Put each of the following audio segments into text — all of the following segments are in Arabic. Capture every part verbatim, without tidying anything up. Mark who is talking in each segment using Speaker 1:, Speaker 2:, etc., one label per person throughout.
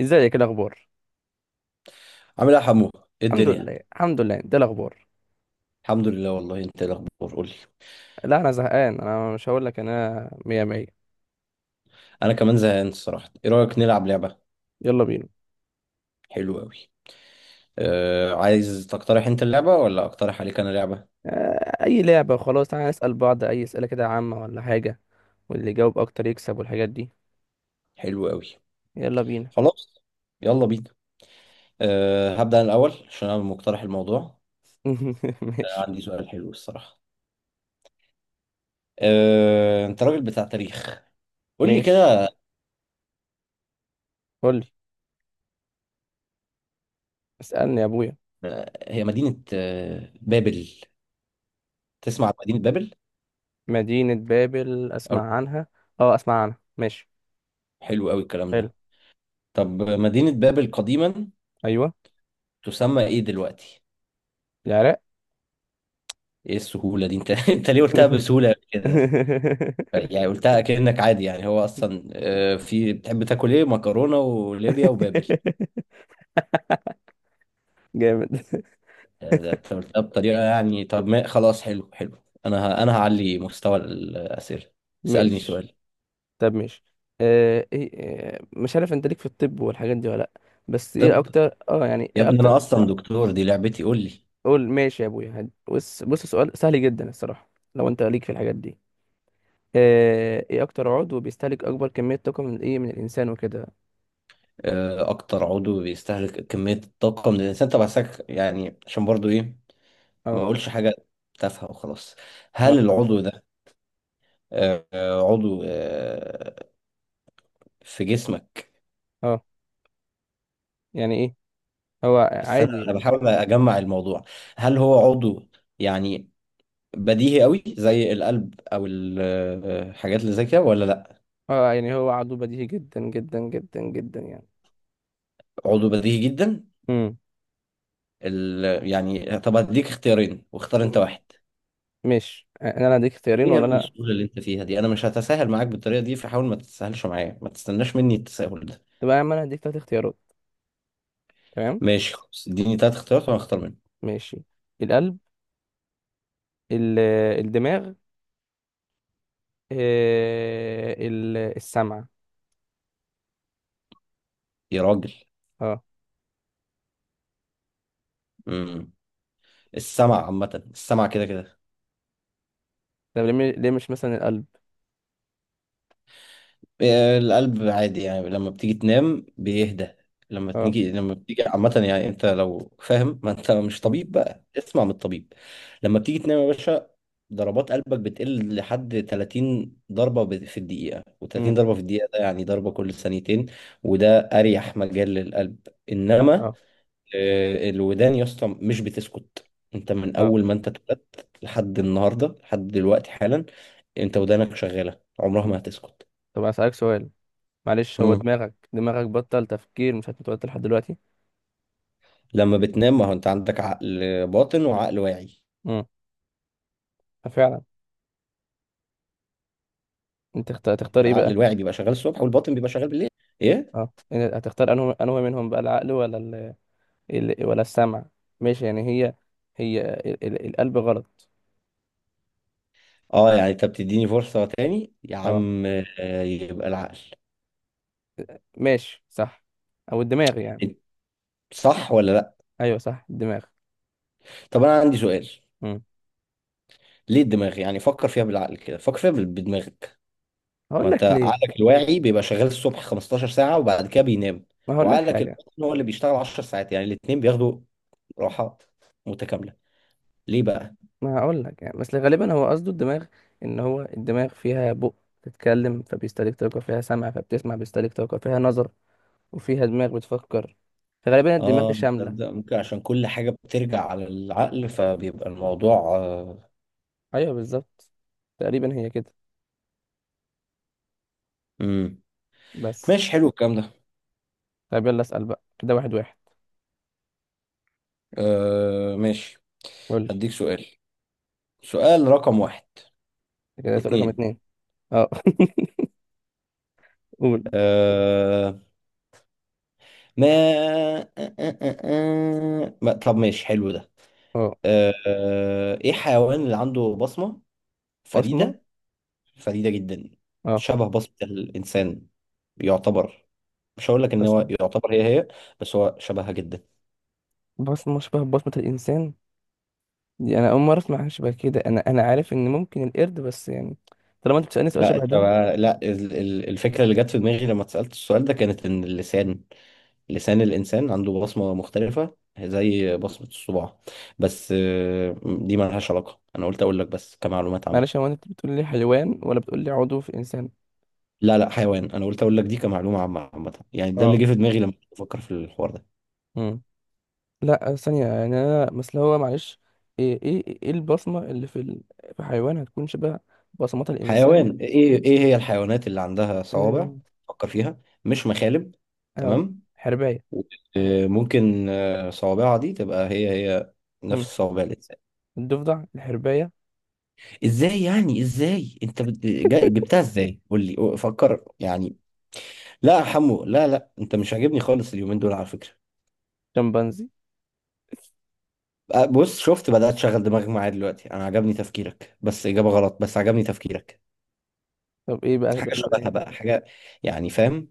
Speaker 1: ازيك؟ إيه الاخبار؟
Speaker 2: عامل ايه يا حمو؟ ايه
Speaker 1: الحمد
Speaker 2: الدنيا؟
Speaker 1: لله الحمد لله ده الاخبار.
Speaker 2: الحمد لله، والله انت ايه الاخبار؟ قول لي.
Speaker 1: لا انا زهقان، انا مش هقول لك، انا مية مية.
Speaker 2: انا كمان زهقان الصراحه، ايه رايك نلعب لعبه؟
Speaker 1: يلا بينا.
Speaker 2: حلو قوي. آه عايز تقترح انت اللعبه ولا اقترح عليك انا لعبه؟
Speaker 1: آه، اي لعبة، خلاص تعالى نسأل بعض اي اسئلة كده عامة ولا حاجة، واللي يجاوب اكتر يكسب والحاجات دي.
Speaker 2: حلو قوي.
Speaker 1: يلا بينا.
Speaker 2: خلاص، يلا بينا. آه هبدا انا الاول عشان انا مقترح الموضوع. آه
Speaker 1: ماشي.
Speaker 2: عندي سؤال حلو الصراحه. آه انت راجل بتاع تاريخ، قول لي
Speaker 1: ماشي،
Speaker 2: كده.
Speaker 1: قول لي. اسألني يا ابويا.
Speaker 2: آه، هي مدينه آه بابل، تسمع عن مدينه بابل؟
Speaker 1: مدينة بابل؟
Speaker 2: أو-
Speaker 1: اسمع عنها. اه اسمع عنها، ماشي.
Speaker 2: حلو قوي الكلام
Speaker 1: حلو.
Speaker 2: ده. طب مدينه بابل قديما
Speaker 1: ايوه.
Speaker 2: تسمى ايه دلوقتي؟
Speaker 1: العراق.
Speaker 2: ايه السهولة دي؟ انت انت ليه قلتها بسهولة كده؟ يعني قلتها كأنك عادي، يعني هو اصلا آه، في بتحب تاكل ايه؟ مكرونة وليبيا وبابل؟
Speaker 1: جامد.
Speaker 2: آه، ده انت قلتها بطريقة، يعني طب ما خلاص، حلو حلو. انا ه... انا هعلي مستوى الأسئلة. اسألني
Speaker 1: ماشي.
Speaker 2: سؤال.
Speaker 1: طب ماشي. آه إيه؟ آه مش عارف انت ليك في الطب والحاجات دي ولا لأ، بس ايه
Speaker 2: طب
Speaker 1: اكتر، اه يعني
Speaker 2: يا
Speaker 1: ايه
Speaker 2: ابني انا
Speaker 1: اكتر.
Speaker 2: اصلا دكتور، دي لعبتي، قول لي.
Speaker 1: قول ماشي يا ابويا، هد- بص بص، سؤال سهل جدا الصراحة، لو انت ليك في الحاجات دي. آه ايه اكتر عضو بيستهلك اكبر كمية طاقة من ايه، من الانسان وكده؟
Speaker 2: آه، اكتر عضو بيستهلك كمية الطاقة من الانسان؟ طب عساك، يعني عشان برضو ايه؟ ما
Speaker 1: اه.
Speaker 2: اقولش حاجة تافهة وخلاص. هل
Speaker 1: اه.
Speaker 2: العضو ده آه، آه، عضو آه، في جسمك؟
Speaker 1: اه يعني ايه؟ هو
Speaker 2: بس انا
Speaker 1: عادي.
Speaker 2: انا بحاول اجمع الموضوع، هل هو عضو يعني بديهي قوي زي القلب او ال- الحاجات اللي زي كده ولا لا؟
Speaker 1: اه يعني هو عضو بديهي جدا جدا جدا جدا يعني.
Speaker 2: عضو بديهي جدا.
Speaker 1: امم
Speaker 2: ال- يعني طب هديك اختيارين واختار انت
Speaker 1: ماشي.
Speaker 2: واحد.
Speaker 1: ماشي آه، انا لا هديك اختيارين
Speaker 2: ايه يا
Speaker 1: ولا
Speaker 2: ابني
Speaker 1: لا.
Speaker 2: السهوله اللي انت فيها دي؟ انا مش هتساهل معاك بالطريقه دي، فحاول ما تتساهلش معايا، ما تستناش مني التساهل ده.
Speaker 1: طب انا هديك تلات اختيارات، تمام؟
Speaker 2: ماشي خلاص، اديني تلات اختيارات وانا اختار منهم.
Speaker 1: ماشي. القلب، ال- الدماغ، إيه ال- السمع.
Speaker 2: يا راجل.
Speaker 1: اه.
Speaker 2: امم السمع عامه، السمع كده كده.
Speaker 1: طب ليه م- ليه مش مثلا القلب؟
Speaker 2: آه، القلب عادي يعني لما بتيجي تنام بيهدى. لما
Speaker 1: اه.
Speaker 2: تيجي لما بتيجي عامة، يعني انت لو فاهم، ما انت مش
Speaker 1: مم.
Speaker 2: طبيب بقى اسمع من الطبيب. لما بتيجي تنام يا باشا، ضربات قلبك بتقل لحد 30 ضربة ب- في الدقيقة، و30
Speaker 1: مم.
Speaker 2: ضربة في الدقيقة ده يعني ضربة كل ثانيتين، وده أريح مجال للقلب. إنما
Speaker 1: اه.
Speaker 2: آه، الودان يا اسطى مش بتسكت. أنت من
Speaker 1: اه.
Speaker 2: أول ما أنت اتولدت لحد النهاردة، لحد دلوقتي حالا، أنت ودانك شغالة، عمرها
Speaker 1: م-
Speaker 2: ما هتسكت.
Speaker 1: طب اسالك سؤال، معلش. هو دماغك دماغك بطل تفكير، مش هتتوتر لحد دلوقتي؟
Speaker 2: لما بتنام، ما هو انت عندك عقل باطن وعقل واعي.
Speaker 1: امم. ففعلا. انت اخت- هتختار ايه
Speaker 2: العقل
Speaker 1: بقى؟
Speaker 2: الواعي بيبقى شغال الصبح، والباطن بيبقى شغال بالليل. ايه؟
Speaker 1: اه، إن- هتختار انه انه منهم بقى العقل ولا ال... ال... ولا السمع؟ ماشي يعني هي، هي ال... ال... القلب غلط.
Speaker 2: اه يعني انت بتديني فرصة تاني يا
Speaker 1: اه
Speaker 2: عم؟ آه، يبقى العقل.
Speaker 1: ماشي، صح. او الدماغ يعني.
Speaker 2: إيه، صح ولا لا؟
Speaker 1: ايوه صح الدماغ.
Speaker 2: طب انا عندي سؤال،
Speaker 1: امم.
Speaker 2: ليه الدماغ يعني؟ فكر فيها بالعقل، كده فكر فيها بال- بدماغك. ما
Speaker 1: هقول
Speaker 2: انت
Speaker 1: لك ليه.
Speaker 2: عقلك الواعي بيبقى شغال الصبح 15 ساعة وبعد كده بينام،
Speaker 1: ما هقول لك
Speaker 2: وعقلك
Speaker 1: حاجه.
Speaker 2: الباطن هو اللي بيشتغل 10 ساعات، يعني الاتنين بياخدوا راحات متكاملة. ليه بقى؟
Speaker 1: ما هقول لك يعني، بس غالبا هو قصده الدماغ، ان هو الدماغ فيها بق، بتتكلم فبيستهلك طاقة، فيها سمع فبتسمع بيستهلك طاقة، فيها نظر وفيها دماغ بتفكر، فغالبا الدماغ دي
Speaker 2: اه
Speaker 1: شاملة.
Speaker 2: تصدق ممكن عشان كل حاجة بترجع على العقل، فبيبقى الموضوع آه.
Speaker 1: ايوه بالظبط، تقريبا هي كده،
Speaker 2: مم.
Speaker 1: بس.
Speaker 2: ماشي، حلو الكلام ده.
Speaker 1: طيب يلا اسأل بقى كده واحد واحد.
Speaker 2: آه ماشي،
Speaker 1: قول لي
Speaker 2: هديك سؤال، سؤال رقم واحد.
Speaker 1: كده سؤال رقم
Speaker 2: اتنين.
Speaker 1: اتنين. اه. قول.
Speaker 2: آه ما آه آه آه آه. ما- طب ماشي، حلو ده.
Speaker 1: اه.
Speaker 2: آه آه، ايه الحيوان اللي عنده بصمة
Speaker 1: بصمة؟
Speaker 2: فريدة؟ فريدة جدا،
Speaker 1: اه.
Speaker 2: شبه بصمة الإنسان. يعتبر، مش هقول لك ان هو
Speaker 1: بصمة.
Speaker 2: يعتبر هي هي، بس هو شبهها جدا.
Speaker 1: بصمة شبه بصمة الإنسان؟ دي أنا أول مرة أسمع عن شبه كده. أنا أنا عارف إن ممكن القرد بس يعني، طالما أنت بتسألني سؤال
Speaker 2: لا، انت
Speaker 1: شبه ده.
Speaker 2: بقى- لا ال- ال- الفكره اللي جت في دماغي لما اتسالت السؤال ده كانت ان اللسان، لسان الانسان عنده بصمه مختلفه زي بصمه الصباع. بس آه، دي ما لهاش علاقه، انا قلت اقول لك بس كمعلومات
Speaker 1: معلش،
Speaker 2: عامه.
Speaker 1: هو انت بتقول لي حيوان ولا بتقول لي عضو في انسان؟
Speaker 2: لا لا حيوان، انا قلت اقول لك دي كمعلومه عامه عامه، يعني ده اللي
Speaker 1: اه.
Speaker 2: جه في دماغي لما كنت بفكر في الحوار ده.
Speaker 1: امم. لا ثانيه، يعني انا مثلا هو معلش، ايه ايه ايه البصمه اللي في ال... في حيوان هتكون شبه بصمات الانسان.
Speaker 2: حيوان ايه ايه هي الحيوانات اللي عندها
Speaker 1: اه.
Speaker 2: صوابع؟ فكر فيها، مش مخالب،
Speaker 1: آه،
Speaker 2: تمام.
Speaker 1: حربايه.
Speaker 2: آه، ممكن آه، صوابعها دي تبقى هي هي،
Speaker 1: امم.
Speaker 2: نفس صوابع الانسان.
Speaker 1: الضفدع، الحربايه،
Speaker 2: ازاي يعني؟ ازاي انت بت- جا- جبتها؟ ازاي قول لي، فكر يعني. لا يا حمو، لا لا انت مش عاجبني خالص اليومين دول على فكرة.
Speaker 1: شمبانزي.
Speaker 2: أه، بص شفت، بدأت تشغل دماغك معايا دلوقتي، انا عجبني تفكيرك بس إجابة غلط، بس عجبني تفكيرك.
Speaker 1: طب ايه بقى
Speaker 2: حاجة
Speaker 1: بقى بقى
Speaker 2: شبهها
Speaker 1: يعني،
Speaker 2: بقى، حاجة، يعني فاهم؟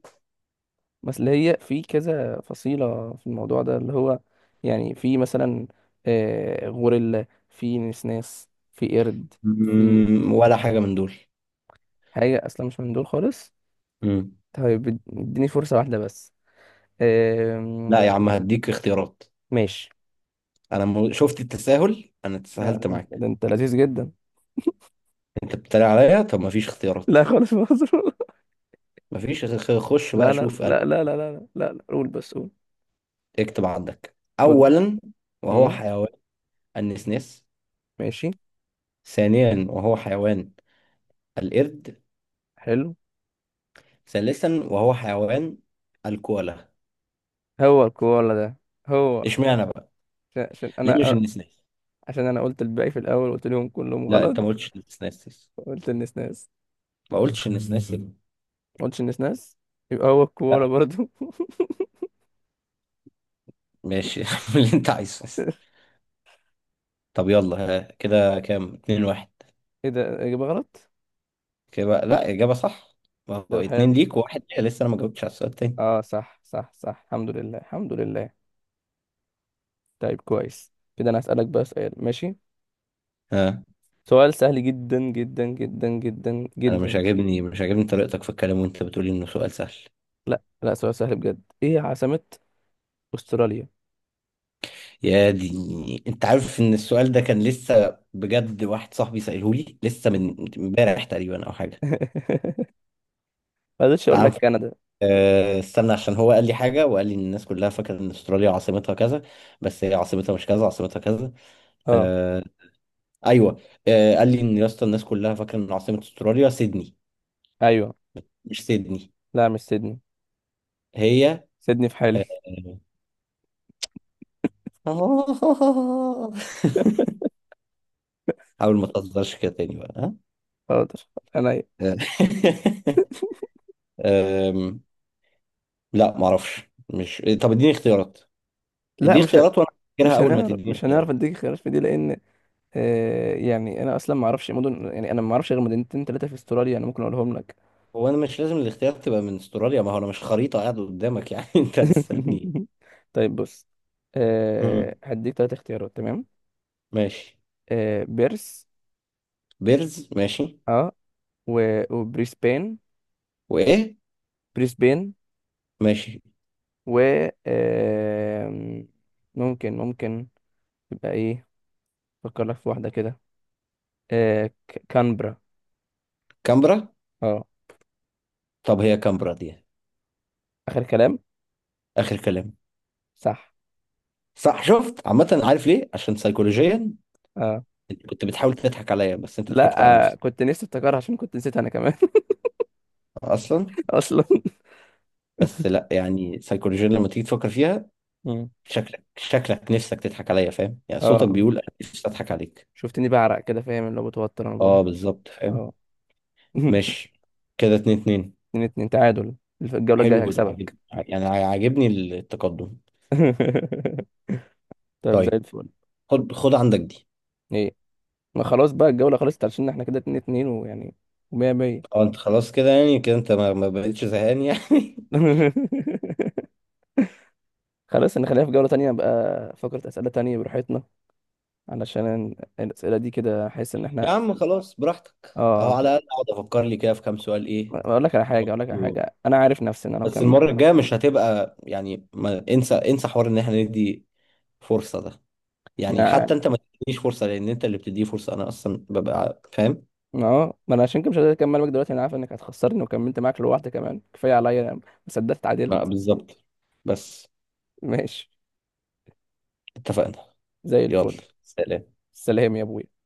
Speaker 1: مثلا هي في كذا فصيله في الموضوع ده اللي هو، يعني في مثلا، آه غوريلا، في نسناس، في قرد، في
Speaker 2: مم، ولا حاجة من دول.
Speaker 1: حاجه اصلا مش من دول خالص.
Speaker 2: مم.
Speaker 1: طيب اد- اديني فرصة واحدة بس. أم...
Speaker 2: لا يا عم، هديك اختيارات.
Speaker 1: ماشي.
Speaker 2: انا م- شفت التساهل؟ انا
Speaker 1: لا
Speaker 2: تساهلت معاك.
Speaker 1: ده انت لذيذ جدا.
Speaker 2: انت بتتريق عليا؟ طب مفيش اختيارات،
Speaker 1: لا، خالص مهزوم.
Speaker 2: مفيش خ- خ- خش بقى
Speaker 1: لا لا
Speaker 2: شوف
Speaker 1: لا
Speaker 2: أنهي.
Speaker 1: لا لا لا لا لا لا، قول بس قول.
Speaker 2: اكتب عندك،
Speaker 1: قول.
Speaker 2: اولا وهو
Speaker 1: امم.
Speaker 2: حيوان، النسناس.
Speaker 1: ماشي
Speaker 2: ثانيا وهو حيوان، القرد.
Speaker 1: حلو.
Speaker 2: ثالثا وهو حيوان، الكوالا.
Speaker 1: هو الكوالا ده، هو.
Speaker 2: اشمعنى بقى؟
Speaker 1: عشان، عشان
Speaker 2: ليه مش
Speaker 1: انا،
Speaker 2: النسناس؟
Speaker 1: عشان انا قلت الباقي في الاول، قلت لهم كلهم
Speaker 2: لا
Speaker 1: غلط.
Speaker 2: انت ما قلتش النسناس،
Speaker 1: قلت النسناس.
Speaker 2: ما قلتش النسناس.
Speaker 1: ما قلتش النسناس. يبقى هو الكوالا
Speaker 2: لا،
Speaker 1: برضو.
Speaker 2: ماشي، اعمل اللي انت عايزه. طب يلا ها، كده كام؟ اتنين واحد.
Speaker 1: ايه ده؟ اجابة غلط؟
Speaker 2: كده بقى، لا اجابة صح، ما هو
Speaker 1: ده
Speaker 2: اتنين
Speaker 1: حلو.
Speaker 2: ليك وواحد ليا، لسه انا ما جاوبتش على السؤال التاني.
Speaker 1: اه صح صح صح، الحمد لله الحمد لله. طيب كويس كده، انا هسألك بقى سؤال ماشي،
Speaker 2: ها.
Speaker 1: سؤال سهل جدا جدا جدا جدا
Speaker 2: انا مش
Speaker 1: جدا.
Speaker 2: عاجبني مش عاجبني طريقتك في الكلام وانت بتقولي انه سؤال سهل.
Speaker 1: لا لا سؤال سهل بجد. ايه عاصمة استراليا؟
Speaker 2: يا دي، انت عارف ان السؤال ده كان لسه بجد واحد صاحبي سأله لي لسه من امبارح تقريبا او حاجه.
Speaker 1: ما قدرتش اقول
Speaker 2: تعال
Speaker 1: لك
Speaker 2: نف-
Speaker 1: كندا.
Speaker 2: آه، استنى، عشان هو قال لي حاجه وقال لي ان الناس كلها فاكره ان استراليا عاصمتها كذا، بس هي عاصمتها مش كذا، عاصمتها كذا.
Speaker 1: اه.
Speaker 2: آه، ايوه. آه قال لي ان يا اسطى الناس كلها فاكره ان عاصمه استراليا سيدني.
Speaker 1: ايوه.
Speaker 2: مش سيدني
Speaker 1: لا مش سيدني.
Speaker 2: هي.
Speaker 1: سيدني في حالي.
Speaker 2: آه، حاول ما تهزرش كده تاني بقى.
Speaker 1: حاضر. انا.
Speaker 2: ها. آه. لا معرفش، مش، طب اديني اختيارات،
Speaker 1: لا
Speaker 2: اديني
Speaker 1: مش ه...
Speaker 2: اختيارات وانا هفتكرها
Speaker 1: مش
Speaker 2: اول ما
Speaker 1: هنعرف،
Speaker 2: تديني
Speaker 1: مش هنعرف
Speaker 2: اختيارات.
Speaker 1: اديك خيارات في دي، لان آه يعني انا اصلا ما اعرفش مدن، يعني انا ما اعرفش غير مدينتين ثلاثه في استراليا، انا ممكن اقولهم لك.
Speaker 2: هو انا مش لازم الاختيارات تبقى من استراليا، ما هو انا مش خريطة قاعد قدامك يعني، انت هتسألني.
Speaker 1: طيب بص،
Speaker 2: مم.
Speaker 1: آه هديك ثلاث اختيارات، تمام؟
Speaker 2: ماشي.
Speaker 1: آه بيرس.
Speaker 2: بيرز ماشي.
Speaker 1: اه. و... وبريسبين.
Speaker 2: وايه؟
Speaker 1: بريسبين.
Speaker 2: ماشي.
Speaker 1: و، آم، ممكن، ممكن يبقى ايه، افكر لك في واحدة كده، آه، ك- كانبرا.
Speaker 2: كامبرا.
Speaker 1: اه.
Speaker 2: طب هي كامبرا دي؟
Speaker 1: اخر كلام.
Speaker 2: اخر كلام.
Speaker 1: صح.
Speaker 2: صح، شفت؟ عامة عارف ليه؟ عشان سيكولوجيا
Speaker 1: اه.
Speaker 2: انت كنت بتحاول تضحك عليا، بس انت
Speaker 1: لا
Speaker 2: ضحكت على
Speaker 1: آه،
Speaker 2: نفسك
Speaker 1: كنت نفسي افتكرها عشان كنت نسيت انا كمان.
Speaker 2: اصلا.
Speaker 1: اصلا.
Speaker 2: بس لا يعني سيكولوجيا لما تيجي تفكر فيها،
Speaker 1: مم.
Speaker 2: شكلك شكلك نفسك تضحك عليا، فاهم؟ يعني صوتك
Speaker 1: اه.
Speaker 2: بيقول انا نفسي اضحك عليك.
Speaker 1: شفتني بعرق كده، فاهم اللي هو متوتر انا
Speaker 2: اه
Speaker 1: بقولها.
Speaker 2: بالظبط، فاهم.
Speaker 1: اه.
Speaker 2: ماشي، كده اتنين اتنين.
Speaker 1: اتنين اتنين تعادل. الف- الجولة الجاية
Speaker 2: حلو ده، عاجبني،
Speaker 1: هكسبك.
Speaker 2: يعني عاجبني التقدم.
Speaker 1: طيب، زي
Speaker 2: طيب،
Speaker 1: الفل.
Speaker 2: خد خد عندك دي.
Speaker 1: ايه؟ ما خلاص بقى الجولة خلصت، عشان احنا كده اتنين اتنين ويعني، ومية مية.
Speaker 2: اه انت خلاص كده، يعني كده انت ما, ما بقتش زهقان يعني.
Speaker 1: خلاص نخليها في جولة تانية بقى، فقرة أسئلة تانية براحتنا، علشان الأسئلة دي كده أحس إن
Speaker 2: يا
Speaker 1: إحنا،
Speaker 2: عم خلاص براحتك،
Speaker 1: آه
Speaker 2: اهو
Speaker 1: أنا
Speaker 2: على الاقل اقعد افكر لي كده في كام سؤال، ايه.
Speaker 1: أقول لك على حاجة، أقول لك على حاجة. أنا عارف نفسي إن أنا لو
Speaker 2: بس
Speaker 1: كم،
Speaker 2: المرة الجاية مش هتبقى، يعني ما انسى انسى حوار ان احنا ندي فرصة ده، يعني
Speaker 1: مع-
Speaker 2: حتى انت ما تدينيش فرصة، لان انت اللي بتديه فرصة انا اصلا ببقى فاهم.
Speaker 1: آه ما أنا عشان كده مش قادر أكمل معاك دلوقتي، أنا عارف إنك هتخسرني، وكملت معاك لوحدي كمان كفاية عليا، أنا ما صدقت
Speaker 2: آه،
Speaker 1: اتعادلت.
Speaker 2: بالظبط، بس
Speaker 1: ماشي.
Speaker 2: اتفقنا.
Speaker 1: زي
Speaker 2: يلا،
Speaker 1: الفل.
Speaker 2: سلام.
Speaker 1: سلام يا أبوي.